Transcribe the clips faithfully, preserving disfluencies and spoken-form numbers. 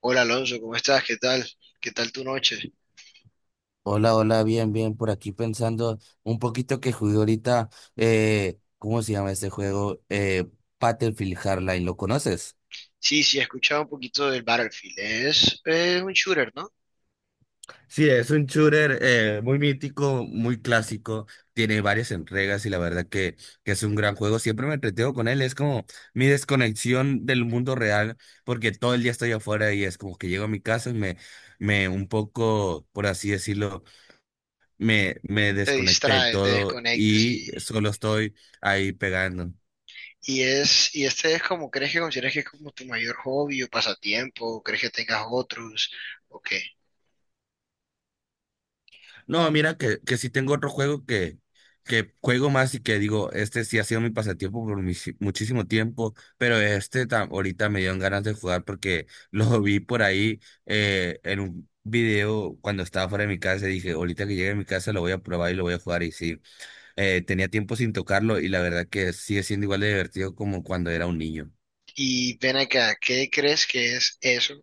Hola Alonso, ¿cómo estás? ¿Qué tal? ¿Qué tal tu noche? Hola, hola, bien, bien, por aquí pensando un poquito que jugué ahorita, eh, ¿cómo se llama este juego? Eh, Battlefield Hardline, ¿lo conoces? Sí, sí, he escuchado un poquito del Battlefield. Es, es un shooter, ¿no? Sí, es un shooter eh, muy mítico, muy clásico, tiene varias entregas y la verdad que, que es un gran juego. Siempre me entretengo con él, es como mi desconexión del mundo real, porque todo el día estoy afuera y es como que llego a mi casa y me, me un poco, por así decirlo. Me, me Te desconecté de distrae, te todo desconectas y y, solo estoy ahí pegando. y es, y este es como, ¿crees que consideras que es como tu mayor hobby o pasatiempo? ¿O crees que tengas otros? ¿O qué? No, mira que, que sí tengo otro juego que, que juego más y que digo, este sí ha sido mi pasatiempo por mis- muchísimo tiempo, pero este ta- ahorita me dieron ganas de jugar porque lo vi por ahí eh, en un video cuando estaba fuera de mi casa y dije, ahorita que llegue a mi casa lo voy a probar y lo voy a jugar y sí, eh, tenía tiempo sin tocarlo y la verdad que sigue siendo igual de divertido como cuando era un niño. Y ven acá, ¿qué crees que es eso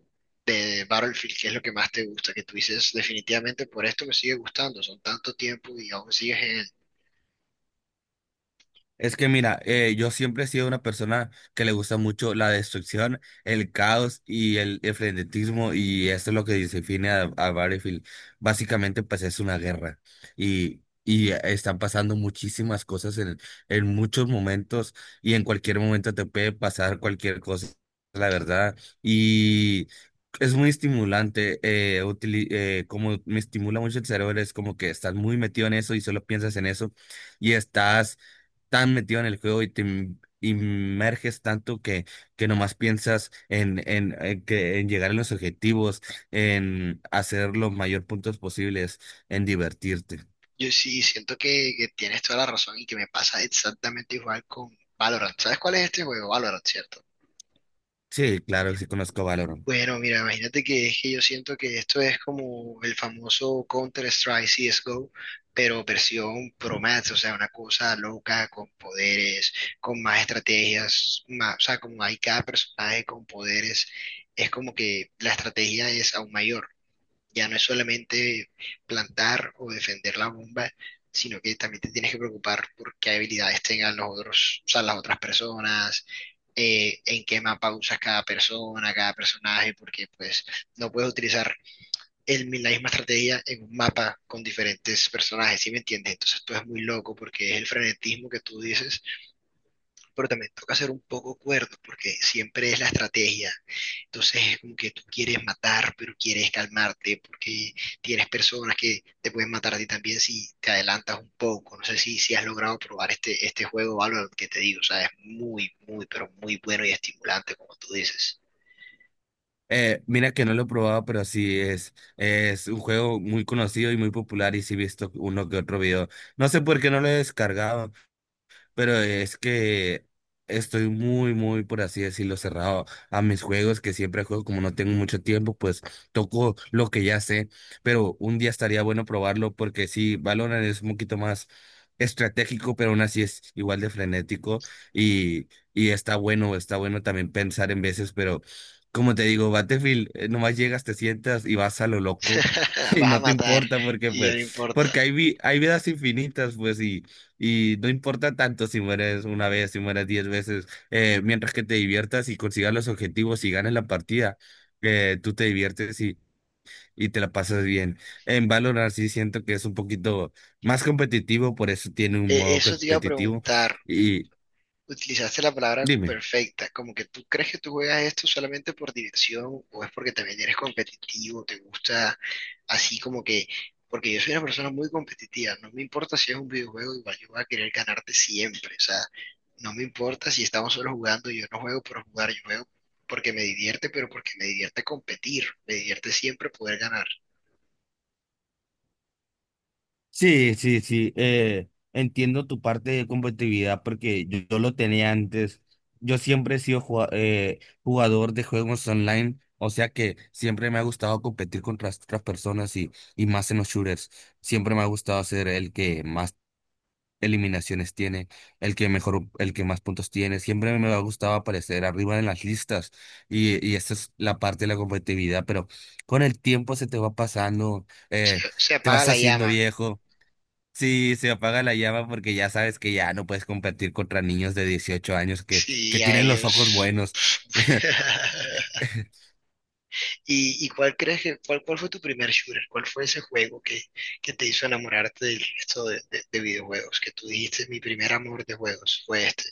de Battlefield? ¿Qué es lo que más te gusta? Que tú dices, definitivamente por esto me sigue gustando. Son tanto tiempo y aún sigues. Es que mira, eh, yo siempre he sido una persona que le gusta mucho la destrucción, el caos y el, el frenetismo y esto es lo que define a, a Battlefield. Básicamente pues es una guerra y, y están pasando muchísimas cosas en, en muchos momentos y en cualquier momento te puede pasar cualquier cosa, la verdad. Y es muy estimulante, eh, utili- eh, como me estimula mucho el cerebro, es como que estás muy metido en eso y solo piensas en eso y estás tan metido en el juego y te im- inmerges tanto que, que nomás piensas en, en, en que, en llegar a los objetivos, en hacer los mayor puntos posibles, en divertirte. Yo sí siento que, que tienes toda la razón y que me pasa exactamente igual con Valorant. ¿Sabes cuál es este juego? Valorant, ¿cierto? Sí, claro, sí conozco Valorant. Bueno, mira, imagínate que es que yo siento que esto es como el famoso Counter-Strike C S G O, pero versión Pro Max, o sea, una cosa loca con poderes, con más estrategias, más, o sea, como hay cada personaje con poderes, es como que la estrategia es aún mayor. Ya no es solamente plantar o defender la bomba, sino que también te tienes que preocupar por qué habilidades tengan los otros, o sea, las otras personas, eh, en qué mapa usas cada persona, cada personaje, porque pues no puedes utilizar el, mi- la misma estrategia en un mapa con diferentes personajes, ¿sí me entiendes? Entonces tú es muy loco porque es el frenetismo que tú dices, pero también toca ser un poco cuerdo, porque siempre es la estrategia. Entonces es como que tú quieres matar, pero quieres calmarte, porque tienes personas que te pueden matar a ti también si te adelantas un poco. No sé si, si has logrado probar este, este juego Valorant que te digo, o sea, es muy, muy, pero muy bueno y estimulante, como tú dices. Eh, mira que no lo he probado, pero sí es, es un juego muy conocido y muy popular y sí he visto uno que otro video. No sé por qué no lo he descargado, pero es que estoy muy, muy, por así decirlo, cerrado a mis juegos, que siempre juego como no tengo mucho tiempo, pues toco lo que ya sé, pero un día estaría bueno probarlo porque sí, Valorant es un poquito más estratégico, pero aún así es igual de frenético y, y está bueno, está bueno también pensar en veces, pero... Como te digo, Battlefield, eh, nomás llegas, te sientas y vas a lo loco y Vas a no te matar importa porque y ya pues, no importa. porque hay vi- hay vidas infinitas, pues, y, y no importa tanto si mueres una vez, si mueres diez veces, eh, mientras que te diviertas y consigas los objetivos y ganes la partida, eh, tú te diviertes y, y te la pasas bien. En Valorant sí siento que es un poquito más competitivo, por eso tiene un Eh, modo Eso te iba a competitivo. preguntar. Y Utilizaste la palabra dime. perfecta, como que tú crees que tú juegas esto solamente por diversión o es porque también eres competitivo, te gusta así como que, porque yo soy una persona muy competitiva, no me importa si es un videojuego, igual yo voy a querer ganarte siempre, o sea, no me importa si estamos solo jugando, yo no juego por jugar, yo juego porque me divierte, pero porque me divierte competir, me divierte siempre poder ganar. Sí, sí, sí, eh, entiendo tu parte de competitividad porque yo, yo lo tenía antes. Yo siempre he sido jua- eh, jugador de juegos online, o sea que siempre me ha gustado competir contra otras personas y, y más en los shooters. Siempre me ha gustado ser el que más eliminaciones tiene, el que mejor, el que más puntos tiene. Siempre me ha gustado aparecer arriba en las listas y, y esa es la parte de la competitividad, pero con el tiempo se te va pasando. eh, Se Te apaga vas la haciendo llama, viejo. Sí, se apaga la llama porque ya sabes que ya no puedes competir contra niños de dieciocho años que, que sí, a tienen los ojos ellos. buenos. ¿Y, y cuál crees que, cuál, cuál fue tu primer shooter? ¿Cuál fue ese juego que, que te hizo enamorarte del resto de, de- de videojuegos? Que tú dijiste, mi primer amor de juegos fue este,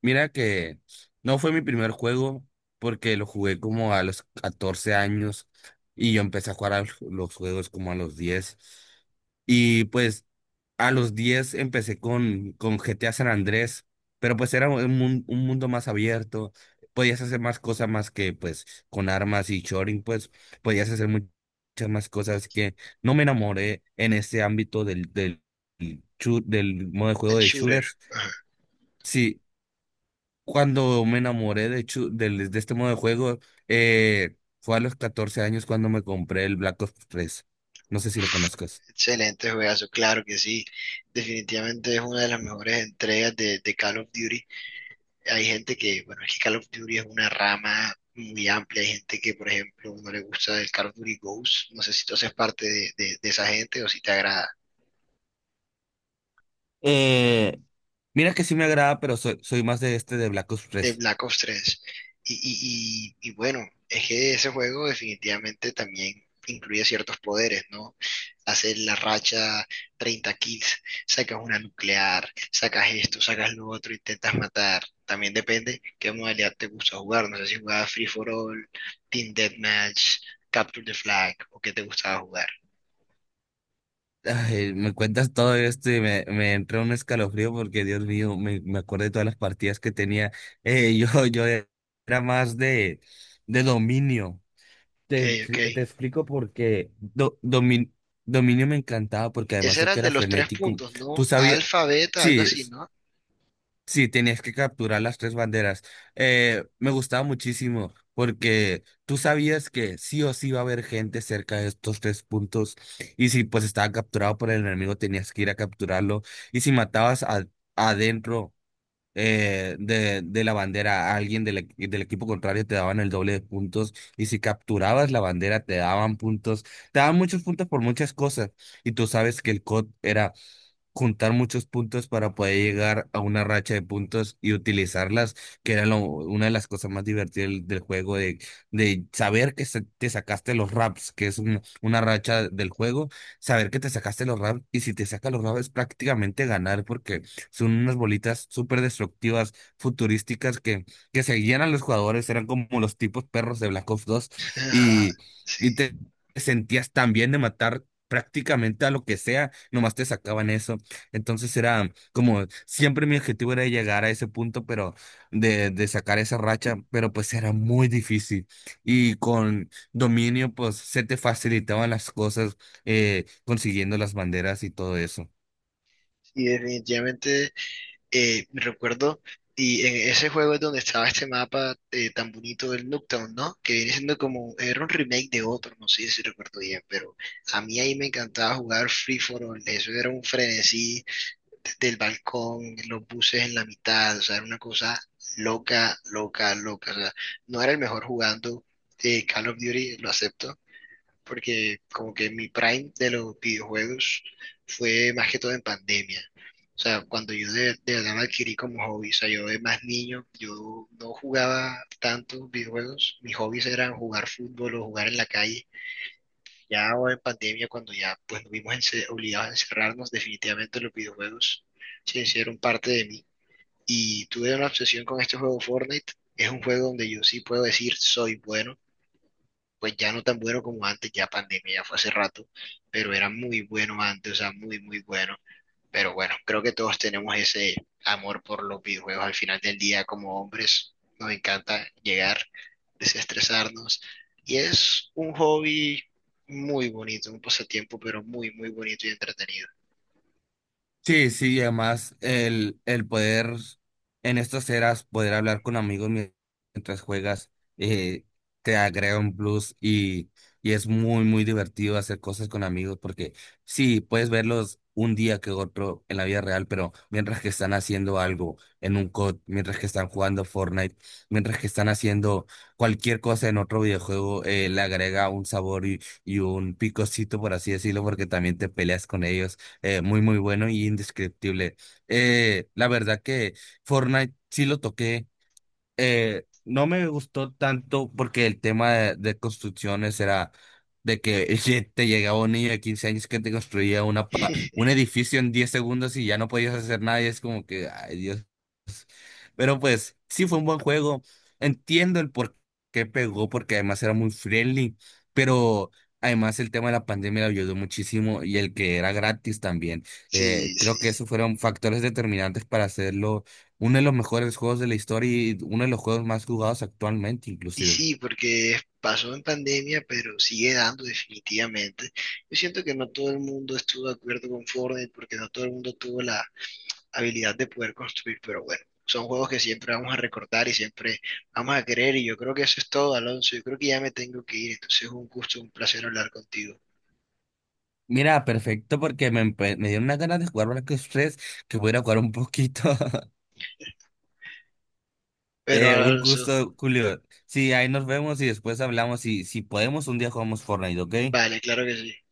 Mira que no fue mi primer juego porque lo jugué como a los catorce años y yo empecé a jugar a los juegos como a los diez. Y pues a los diez empecé con, con G T A San Andrés, pero pues era un, mun- un mundo más abierto, podías hacer más cosas más que pues con armas y choring, pues podías hacer mu- muchas más cosas que no me enamoré en ese ámbito del, del, shoot- del modo de el juego de shooter. shooters. Ajá. Sí, cuando me enamoré de, hecho, del- de este modo de juego, eh, fue a los catorce años cuando me compré el Black Ops tres. No sé si lo Uf, conozcas. excelente juegazo, claro que sí. Definitivamente es una de las mejores entregas de, de Call of Duty. Hay gente que, bueno, es que Call of Duty es una rama muy amplia. Hay gente que, por ejemplo, no le gusta el Call of Duty Ghost. No sé si tú haces parte de, de de esa gente o si te agrada. Eh, Mira que sí me agrada, pero soy, soy más de este de Black Ops De tres Black Ops tres. Y, y, y, y bueno, es que ese juego definitivamente también incluye ciertos poderes, ¿no? Hacer la racha treinta kills, sacas una nuclear, sacas esto, sacas lo otro, intentas matar. También depende qué modalidad te gusta jugar. No sé si jugabas Free for All, Team Deathmatch, Capture the Flag o qué te gustaba jugar. Ay, me cuentas todo esto y me, me entró un escalofrío porque, Dios mío, me, me acuerdo de todas las partidas que tenía. Eh, yo, yo era más de, de dominio. Ok, Te, ok. te explico porque Do- Domin- Dominio me encantaba porque además Ese de era que el de era los tres frenético, puntos, tú ¿no? sabías, Alfa, beta, algo sí, así, s- ¿no? sí, tenías que capturar las tres banderas. Eh, me gustaba muchísimo porque tú sabías que sí o sí iba a haber gente cerca de estos tres puntos y si pues estaba capturado por el enemigo tenías que ir a capturarlo y si matabas a- adentro eh, de, de la bandera a alguien del, equ- del equipo contrario te daban el doble de puntos y si capturabas la bandera te daban puntos, te daban muchos puntos por muchas cosas y tú sabes que el C O D era juntar muchos puntos para poder llegar a una racha de puntos y utilizarlas, que era lo- una de las cosas más divertidas del, del juego, de, de saber que se- te sacaste los raps, que es un- una racha del juego, saber que te sacaste los raps y si te sacas los raps es prácticamente ganar porque son unas bolitas súper destructivas, futurísticas, que, que seguían a los jugadores, eran como los tipos perros de Black Ops dos y, y Sí. te sentías tan bien de matar prácticamente a lo que sea, nomás te sacaban eso. Entonces era como, siempre mi objetivo era llegar a ese punto, pero de, de sacar esa racha, pero pues era muy difícil. Y con dominio, pues se te facilitaban las cosas eh, consiguiendo las banderas y todo eso. Y definitivamente eh, me recuerdo, y en ese juego es donde estaba este mapa eh, tan bonito del Nuketown, ¿no? Que viene siendo como, era un remake de otro, no sé si recuerdo bien, pero a mí ahí me encantaba jugar Free for All, eso era un frenesí desde el balcón, los buses en la mitad, o sea, era una cosa loca, loca, loca, o sea, no era el mejor jugando eh, Call of Duty, lo acepto porque como que mi prime de los videojuegos fue más que todo en pandemia. O sea, cuando yo de, de verdad me adquirí como hobby, o sea, yo de más niño, yo no jugaba tantos videojuegos, mis hobbies eran jugar fútbol o jugar en la calle. Ya ahora en pandemia, cuando ya pues nos vimos ence- obligados a encerrarnos, definitivamente los videojuegos se hicieron parte de mí. Y tuve una obsesión con este juego Fortnite, es un juego donde yo sí puedo decir soy bueno, pues ya no tan bueno como antes, ya pandemia, ya fue hace rato, pero era muy bueno antes, o sea, muy, muy bueno. Pero bueno, creo que todos tenemos ese amor por los videojuegos. Al final del día, como hombres, nos encanta llegar, desestresarnos. Y es un hobby muy bonito, un pasatiempo, pero muy, muy bonito y entretenido. Sí, sí, y además el, el poder en estas eras, poder hablar con amigos mien- mientras juegas, eh, te agrega un plus y, y es muy, muy divertido hacer cosas con amigos porque sí, puedes verlos un día que otro en la vida real, pero mientras que están haciendo algo en un C O D, mientras que están jugando Fortnite, mientras que están haciendo cualquier cosa en otro videojuego, eh, le agrega un sabor y, y un picocito, por así decirlo, porque también te peleas con ellos. Eh, muy, muy bueno y indescriptible. Eh, la verdad que Fortnite sí lo toqué. eh, no me gustó tanto porque el tema de, de construcciones era de que te llegaba un niño de quince años que te construía una, pa- un edificio en diez segundos y ya no podías hacer nada. Y es como que, ay, Dios, pero pues sí fue un buen juego. Entiendo el por qué pegó, porque además era muy friendly, pero además el tema de la pandemia le ayudó muchísimo y el que era gratis también. Eh, Sí, creo que sí. esos fueron factores determinantes para hacerlo uno de los mejores juegos de la historia y uno de los juegos más jugados actualmente Y inclusive. sí, porque pasó en pandemia, pero sigue dando definitivamente. Yo siento que no todo el mundo estuvo de acuerdo con Fortnite porque no todo el mundo tuvo la habilidad de poder construir, pero bueno, son juegos que siempre vamos a recordar y siempre vamos a querer y yo creo que eso es todo, Alonso. Yo creo que ya me tengo que ir, entonces es un gusto, un placer hablar contigo. Mira, perfecto, porque me, empe- me dieron unas ganas de jugar Black Stress, que voy a ir a jugar un poquito. Pero Eh, un Alonso, gusto, Julio. Sí, ahí nos vemos y después hablamos. Y si podemos, un día jugamos Fortnite, ¿ok? vale, claro que sí.